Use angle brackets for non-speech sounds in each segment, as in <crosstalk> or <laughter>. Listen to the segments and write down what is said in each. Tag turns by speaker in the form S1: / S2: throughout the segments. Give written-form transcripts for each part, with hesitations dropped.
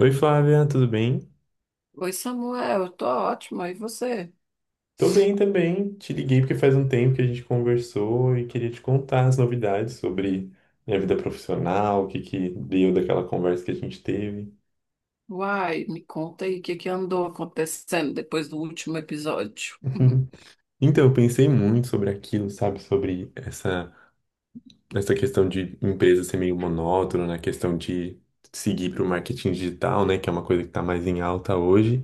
S1: Oi, Flávia, tudo bem?
S2: Oi, Samuel, eu tô ótima. E você?
S1: Tô bem também. Te liguei porque faz um tempo que a gente conversou e queria te contar as novidades sobre minha vida profissional, o que que deu daquela conversa que a gente teve.
S2: Uai, me conta aí o que que andou acontecendo depois do último episódio.
S1: <laughs> Então, eu pensei muito sobre aquilo, sabe? Sobre essa questão de empresa ser meio monótona, na questão de seguir para o marketing digital, né? Que é uma coisa que está mais em alta hoje.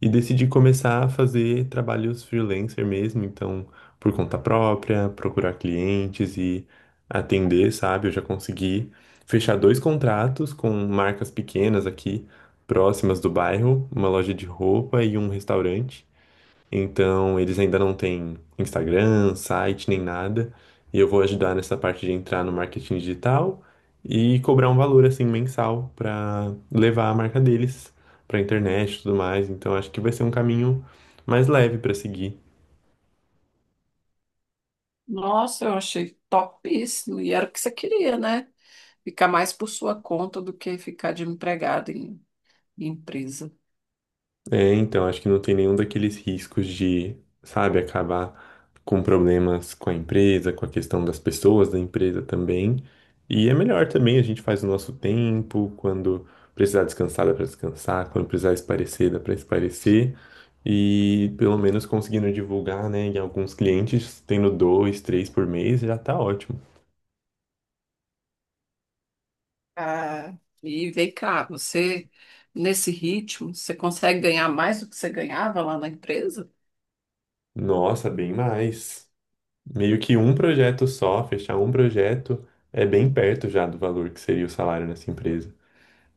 S1: E decidi começar a fazer trabalhos freelancer mesmo, então, por conta própria, procurar clientes e atender, sabe? Eu já consegui fechar dois contratos com marcas pequenas aqui, próximas do bairro, uma loja de roupa e um restaurante. Então, eles ainda não têm Instagram, site, nem nada. E eu vou ajudar nessa parte de entrar no marketing digital e cobrar um valor assim mensal para levar a marca deles para internet e tudo mais. Então, acho que vai ser um caminho mais leve para seguir.
S2: Nossa, eu achei topíssimo. E era o que você queria, né? Ficar mais por sua conta do que ficar de empregado em empresa.
S1: É, então, acho que não tem nenhum daqueles riscos de, sabe, acabar com problemas com a empresa, com a questão das pessoas da empresa também. E é melhor também, a gente faz o nosso tempo, quando precisar descansar, dá pra descansar, quando precisar espairecer, dá pra espairecer. E pelo menos conseguindo divulgar, né, em alguns clientes, tendo dois, três por mês, já tá ótimo.
S2: Ah, e vem cá, você, nesse ritmo, você consegue ganhar mais do que você ganhava lá na empresa?
S1: Nossa, bem mais. Meio que um projeto só, fechar um projeto, é bem perto já do valor que seria o salário nessa empresa.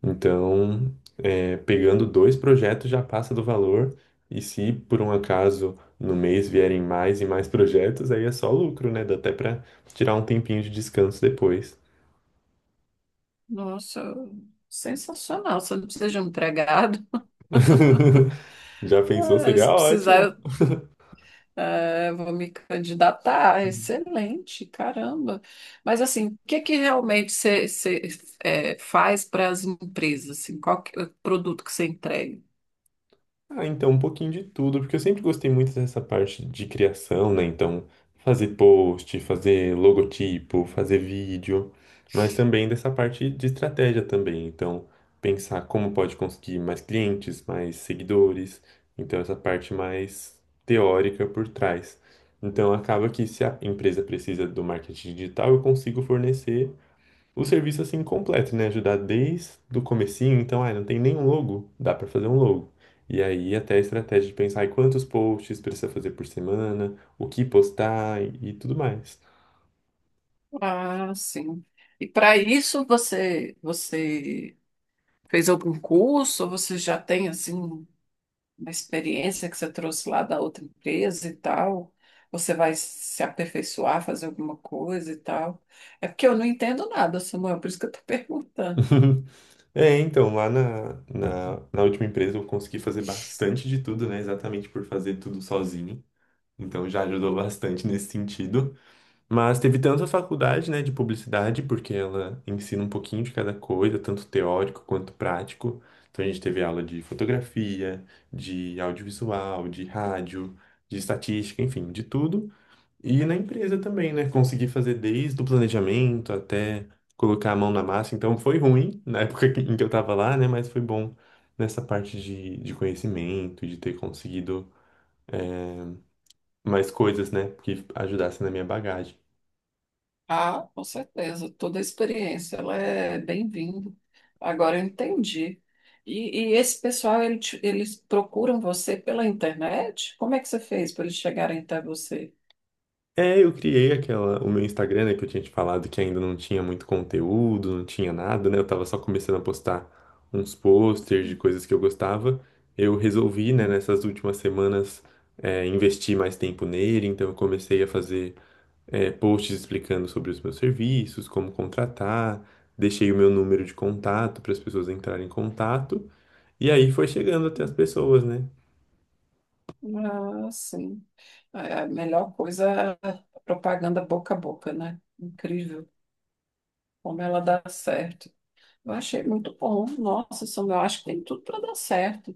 S1: Então, pegando dois projetos já passa do valor, e se por um acaso no mês vierem mais e mais projetos, aí é só lucro, né? Dá até para tirar um tempinho de descanso depois.
S2: Nossa, sensacional. Você não precisa de um empregado. <laughs>
S1: <laughs> Já pensou?
S2: Ah,
S1: Seria
S2: se
S1: ótimo.
S2: precisar, é, vou me candidatar, excelente, caramba. Mas assim, o que que realmente você, é, faz para as empresas? Assim, qual que é o produto que você entrega?
S1: Ah, então um pouquinho de tudo, porque eu sempre gostei muito dessa parte de criação, né? Então, fazer post, fazer logotipo, fazer vídeo, mas também dessa parte de estratégia também. Então, pensar como pode conseguir mais clientes, mais seguidores. Então, essa parte mais teórica por trás. Então, acaba que se a empresa precisa do marketing digital, eu consigo fornecer o serviço assim completo, né? Ajudar desde o comecinho, então, ah, não tem nenhum logo, dá para fazer um logo. E aí até a estratégia de pensar em quantos posts precisa fazer por semana, o que postar e tudo mais.
S2: Ah, sim. E para isso você fez algum curso? Ou você já tem assim uma experiência que você trouxe lá da outra empresa e tal? Você vai se aperfeiçoar, fazer alguma coisa e tal? É porque eu não entendo nada, Samuel, por isso que eu estou <laughs> perguntando.
S1: <laughs> É, então, lá na última empresa eu consegui fazer bastante de tudo, né? Exatamente por fazer tudo sozinho. Então já ajudou bastante nesse sentido. Mas teve tanto a faculdade, né, de publicidade, porque ela ensina um pouquinho de cada coisa, tanto teórico quanto prático. Então a gente teve aula de fotografia, de audiovisual, de rádio, de estatística, enfim, de tudo. E na empresa também, né, consegui fazer desde o planejamento até colocar a mão na massa. Então foi ruim na época em que eu estava lá, né, mas foi bom nessa parte de conhecimento, de ter conseguido mais coisas, né, que ajudassem na minha bagagem.
S2: Ah, com certeza, toda a experiência, ela é bem-vinda. Agora eu entendi. E esse pessoal, eles procuram você pela internet? Como é que você fez para eles chegarem até você?
S1: É, eu criei aquela, o meu Instagram, né, que eu tinha te falado que ainda não tinha muito conteúdo, não tinha nada, né? Eu tava só começando a postar uns posters de coisas que eu gostava. Eu resolvi, né, nessas últimas semanas, investir mais tempo nele, então eu comecei a fazer, posts explicando sobre os meus serviços, como contratar, deixei o meu número de contato para as pessoas entrarem em contato, e aí foi chegando até as pessoas, né?
S2: Ah, sim. É, a melhor coisa é a propaganda boca a boca, né? Incrível como ela dá certo. Eu achei muito bom. Nossa, Samuel, eu acho que tem tudo para dar certo.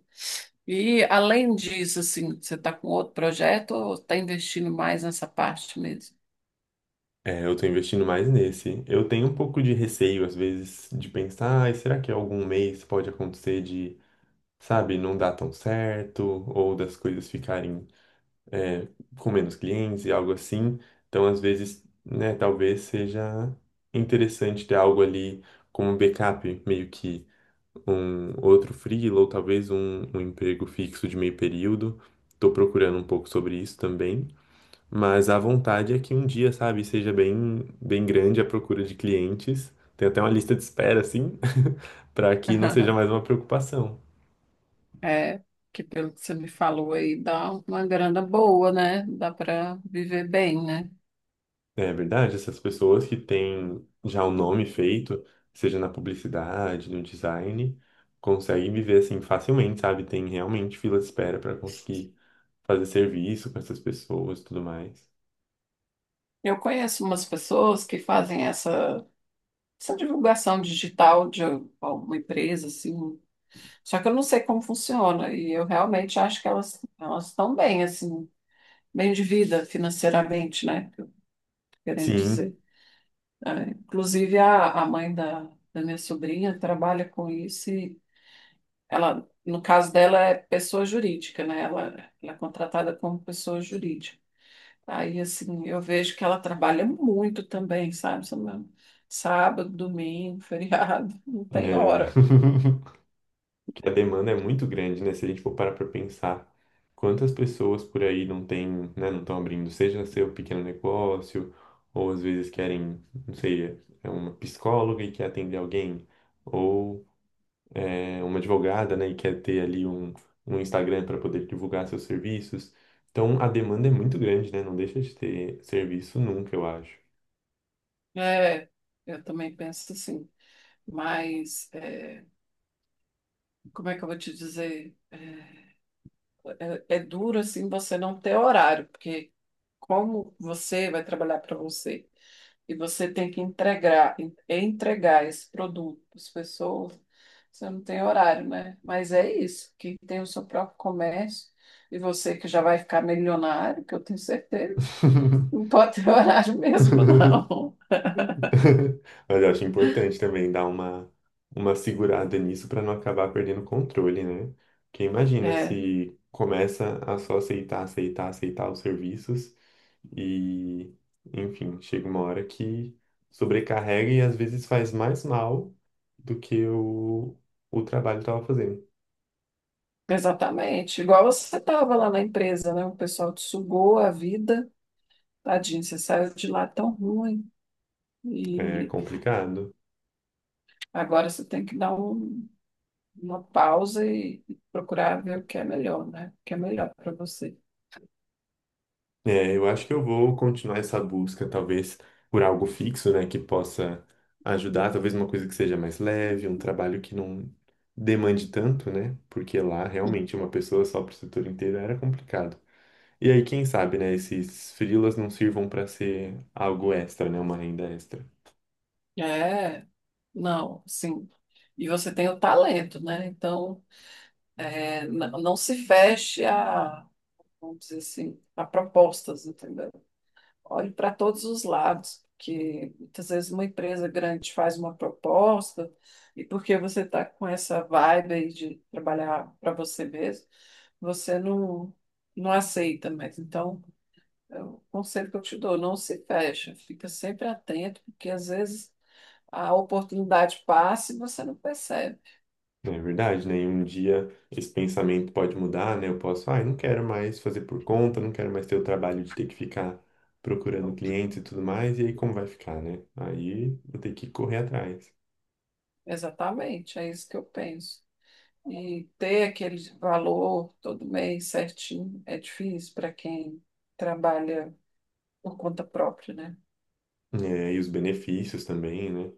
S2: E além disso, assim, você está com outro projeto ou está investindo mais nessa parte mesmo?
S1: É, eu tô investindo mais nesse. Eu tenho um pouco de receio, às vezes, de pensar, ai, será que algum mês pode acontecer de, sabe, não dar tão certo, ou das coisas ficarem, é, com menos clientes e algo assim. Então, às vezes, né, talvez seja interessante ter algo ali como um backup, meio que um outro freela, ou talvez um emprego fixo de meio período. Tô procurando um pouco sobre isso também. Mas a vontade é que um dia, sabe, seja bem, bem grande a procura de clientes. Tem até uma lista de espera, assim, <laughs> para que não seja
S2: <laughs>
S1: mais uma preocupação.
S2: É, que pelo que você me falou aí, dá uma grana boa, né? Dá para viver bem, né?
S1: É verdade, essas pessoas que têm já o nome feito, seja na publicidade, no design, conseguem viver assim facilmente, sabe? Tem realmente fila de espera para conseguir fazer serviço com essas pessoas, e tudo mais.
S2: Eu conheço umas pessoas que fazem essa divulgação digital de alguma empresa, assim, só que eu não sei como funciona, e eu realmente acho que elas estão bem, assim, bem de vida financeiramente, né? Que eu tô querendo
S1: Sim,
S2: dizer. É, inclusive, a mãe da minha sobrinha trabalha com isso e ela, no caso dela, é pessoa jurídica, né? Ela é contratada como pessoa jurídica. Aí, assim, eu vejo que ela trabalha muito também, sabe? Samuel? Sábado, domingo, <laughs> feriado, não tem
S1: né?
S2: hora.
S1: <laughs> E a demanda é muito grande, né? Se a gente for parar para pensar quantas pessoas por aí não têm, né, não estão abrindo, seja seu pequeno negócio, ou às vezes querem, não sei, é uma psicóloga e quer atender alguém, ou é uma advogada, né, e quer ter ali um Instagram para poder divulgar seus serviços. Então a demanda é muito grande, né? Não deixa de ter serviço nunca, eu acho.
S2: É, eu também penso assim. Mas, é, como é que eu vou te dizer? É duro, assim, você não ter horário, porque como você vai trabalhar para você? E você tem que entregar, entregar esse produto para as pessoas, você não tem horário, né? Mas é isso, quem tem o seu próprio comércio e você que já vai ficar milionário, que eu tenho certeza, não
S1: <laughs>
S2: pode ter <laughs> horário mesmo, não.
S1: <laughs> Mas eu acho importante também dar uma segurada nisso para não acabar perdendo o controle, né? Porque imagina
S2: É,
S1: se começa a só aceitar, aceitar, aceitar os serviços e, enfim, chega uma hora que sobrecarrega e às vezes faz mais mal do que o trabalho estava fazendo.
S2: exatamente. Igual você estava lá na empresa, né? O pessoal te sugou a vida, tadinho, você saiu de lá tão ruim.
S1: É
S2: E
S1: complicado.
S2: agora você tem que dar uma pausa e procurar ver o que é melhor, né? O que é melhor para você.
S1: É, eu acho que eu vou continuar essa busca, talvez por algo fixo, né, que possa ajudar, talvez uma coisa que seja mais leve, um trabalho que não demande tanto, né? Porque lá realmente uma pessoa só para o setor inteiro era complicado. E aí, quem sabe, né, esses freelas não sirvam para ser algo extra, né, uma renda extra.
S2: É, não, sim. E você tem o talento, né? Então, é, não se feche a, vamos dizer assim, a propostas, entendeu? Olhe para todos os lados, porque muitas vezes uma empresa grande faz uma proposta e porque você está com essa vibe aí de trabalhar para você mesmo, você não, não aceita mais. Então, é o conselho que eu te dou, não se fecha, fica sempre atento, porque às vezes a oportunidade passa e você não percebe.
S1: É verdade, né? E um dia esse pensamento pode mudar, né? Eu posso, ah, eu não quero mais fazer por conta, não quero mais ter o trabalho de ter que ficar procurando clientes e tudo mais, e aí como vai ficar, né? Aí vou ter que correr atrás.
S2: Exatamente, é isso que eu penso. E ter aquele valor todo mês certinho é difícil para quem trabalha por conta própria, né?
S1: É, e os benefícios também, né?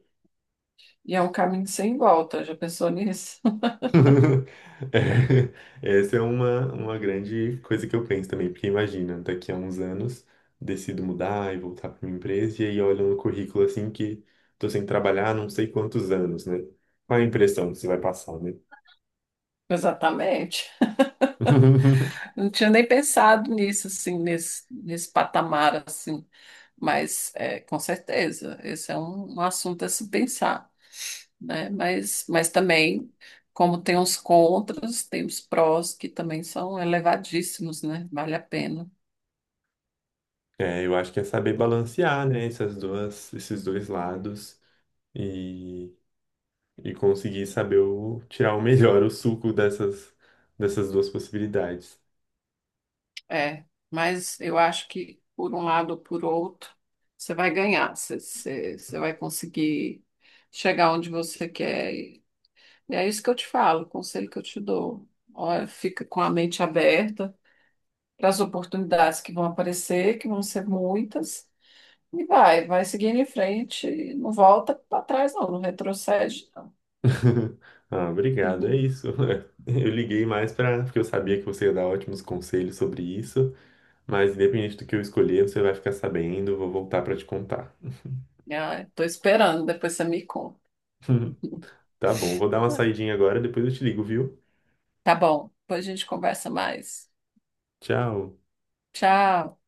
S2: E é um caminho sem volta, já pensou nisso?
S1: <laughs> É, essa é uma grande coisa que eu penso também, porque imagina, daqui a uns anos decido mudar e voltar para minha empresa, e aí olho no currículo assim que tô sem trabalhar há não sei quantos anos, né? Qual a impressão que você vai passar, né?
S2: <laughs> Exatamente.
S1: <laughs>
S2: Não tinha nem pensado nisso, assim, nesse patamar, assim. Mas, é, com certeza, esse é um assunto a se pensar, né? Mas também, como tem os contras, tem os prós que também são elevadíssimos, né? Vale a pena.
S1: É, eu acho que é saber balancear, né, essas duas, esses dois lados e, e conseguir saber o, tirar o melhor, o suco dessas, dessas duas possibilidades.
S2: É, mas eu acho que, por um lado ou por outro, você vai ganhar, você vai conseguir chegar onde você quer. E é isso que eu te falo, o conselho que eu te dou. Olha, fica com a mente aberta para as oportunidades que vão aparecer, que vão ser muitas, e vai seguindo em frente, e não volta para trás, não, não retrocede, não.
S1: <laughs> Ah, obrigado, é
S2: Uhum.
S1: isso. <laughs> Eu liguei mais para porque eu sabia que você ia dar ótimos conselhos sobre isso, mas independente do que eu escolher, você vai ficar sabendo, vou voltar para te contar.
S2: <laughs> Estou esperando, depois você me conta.
S1: <laughs> Tá bom, vou dar uma saidinha agora, depois eu te ligo, viu?
S2: Tá bom, depois a gente conversa mais.
S1: Tchau.
S2: Tchau.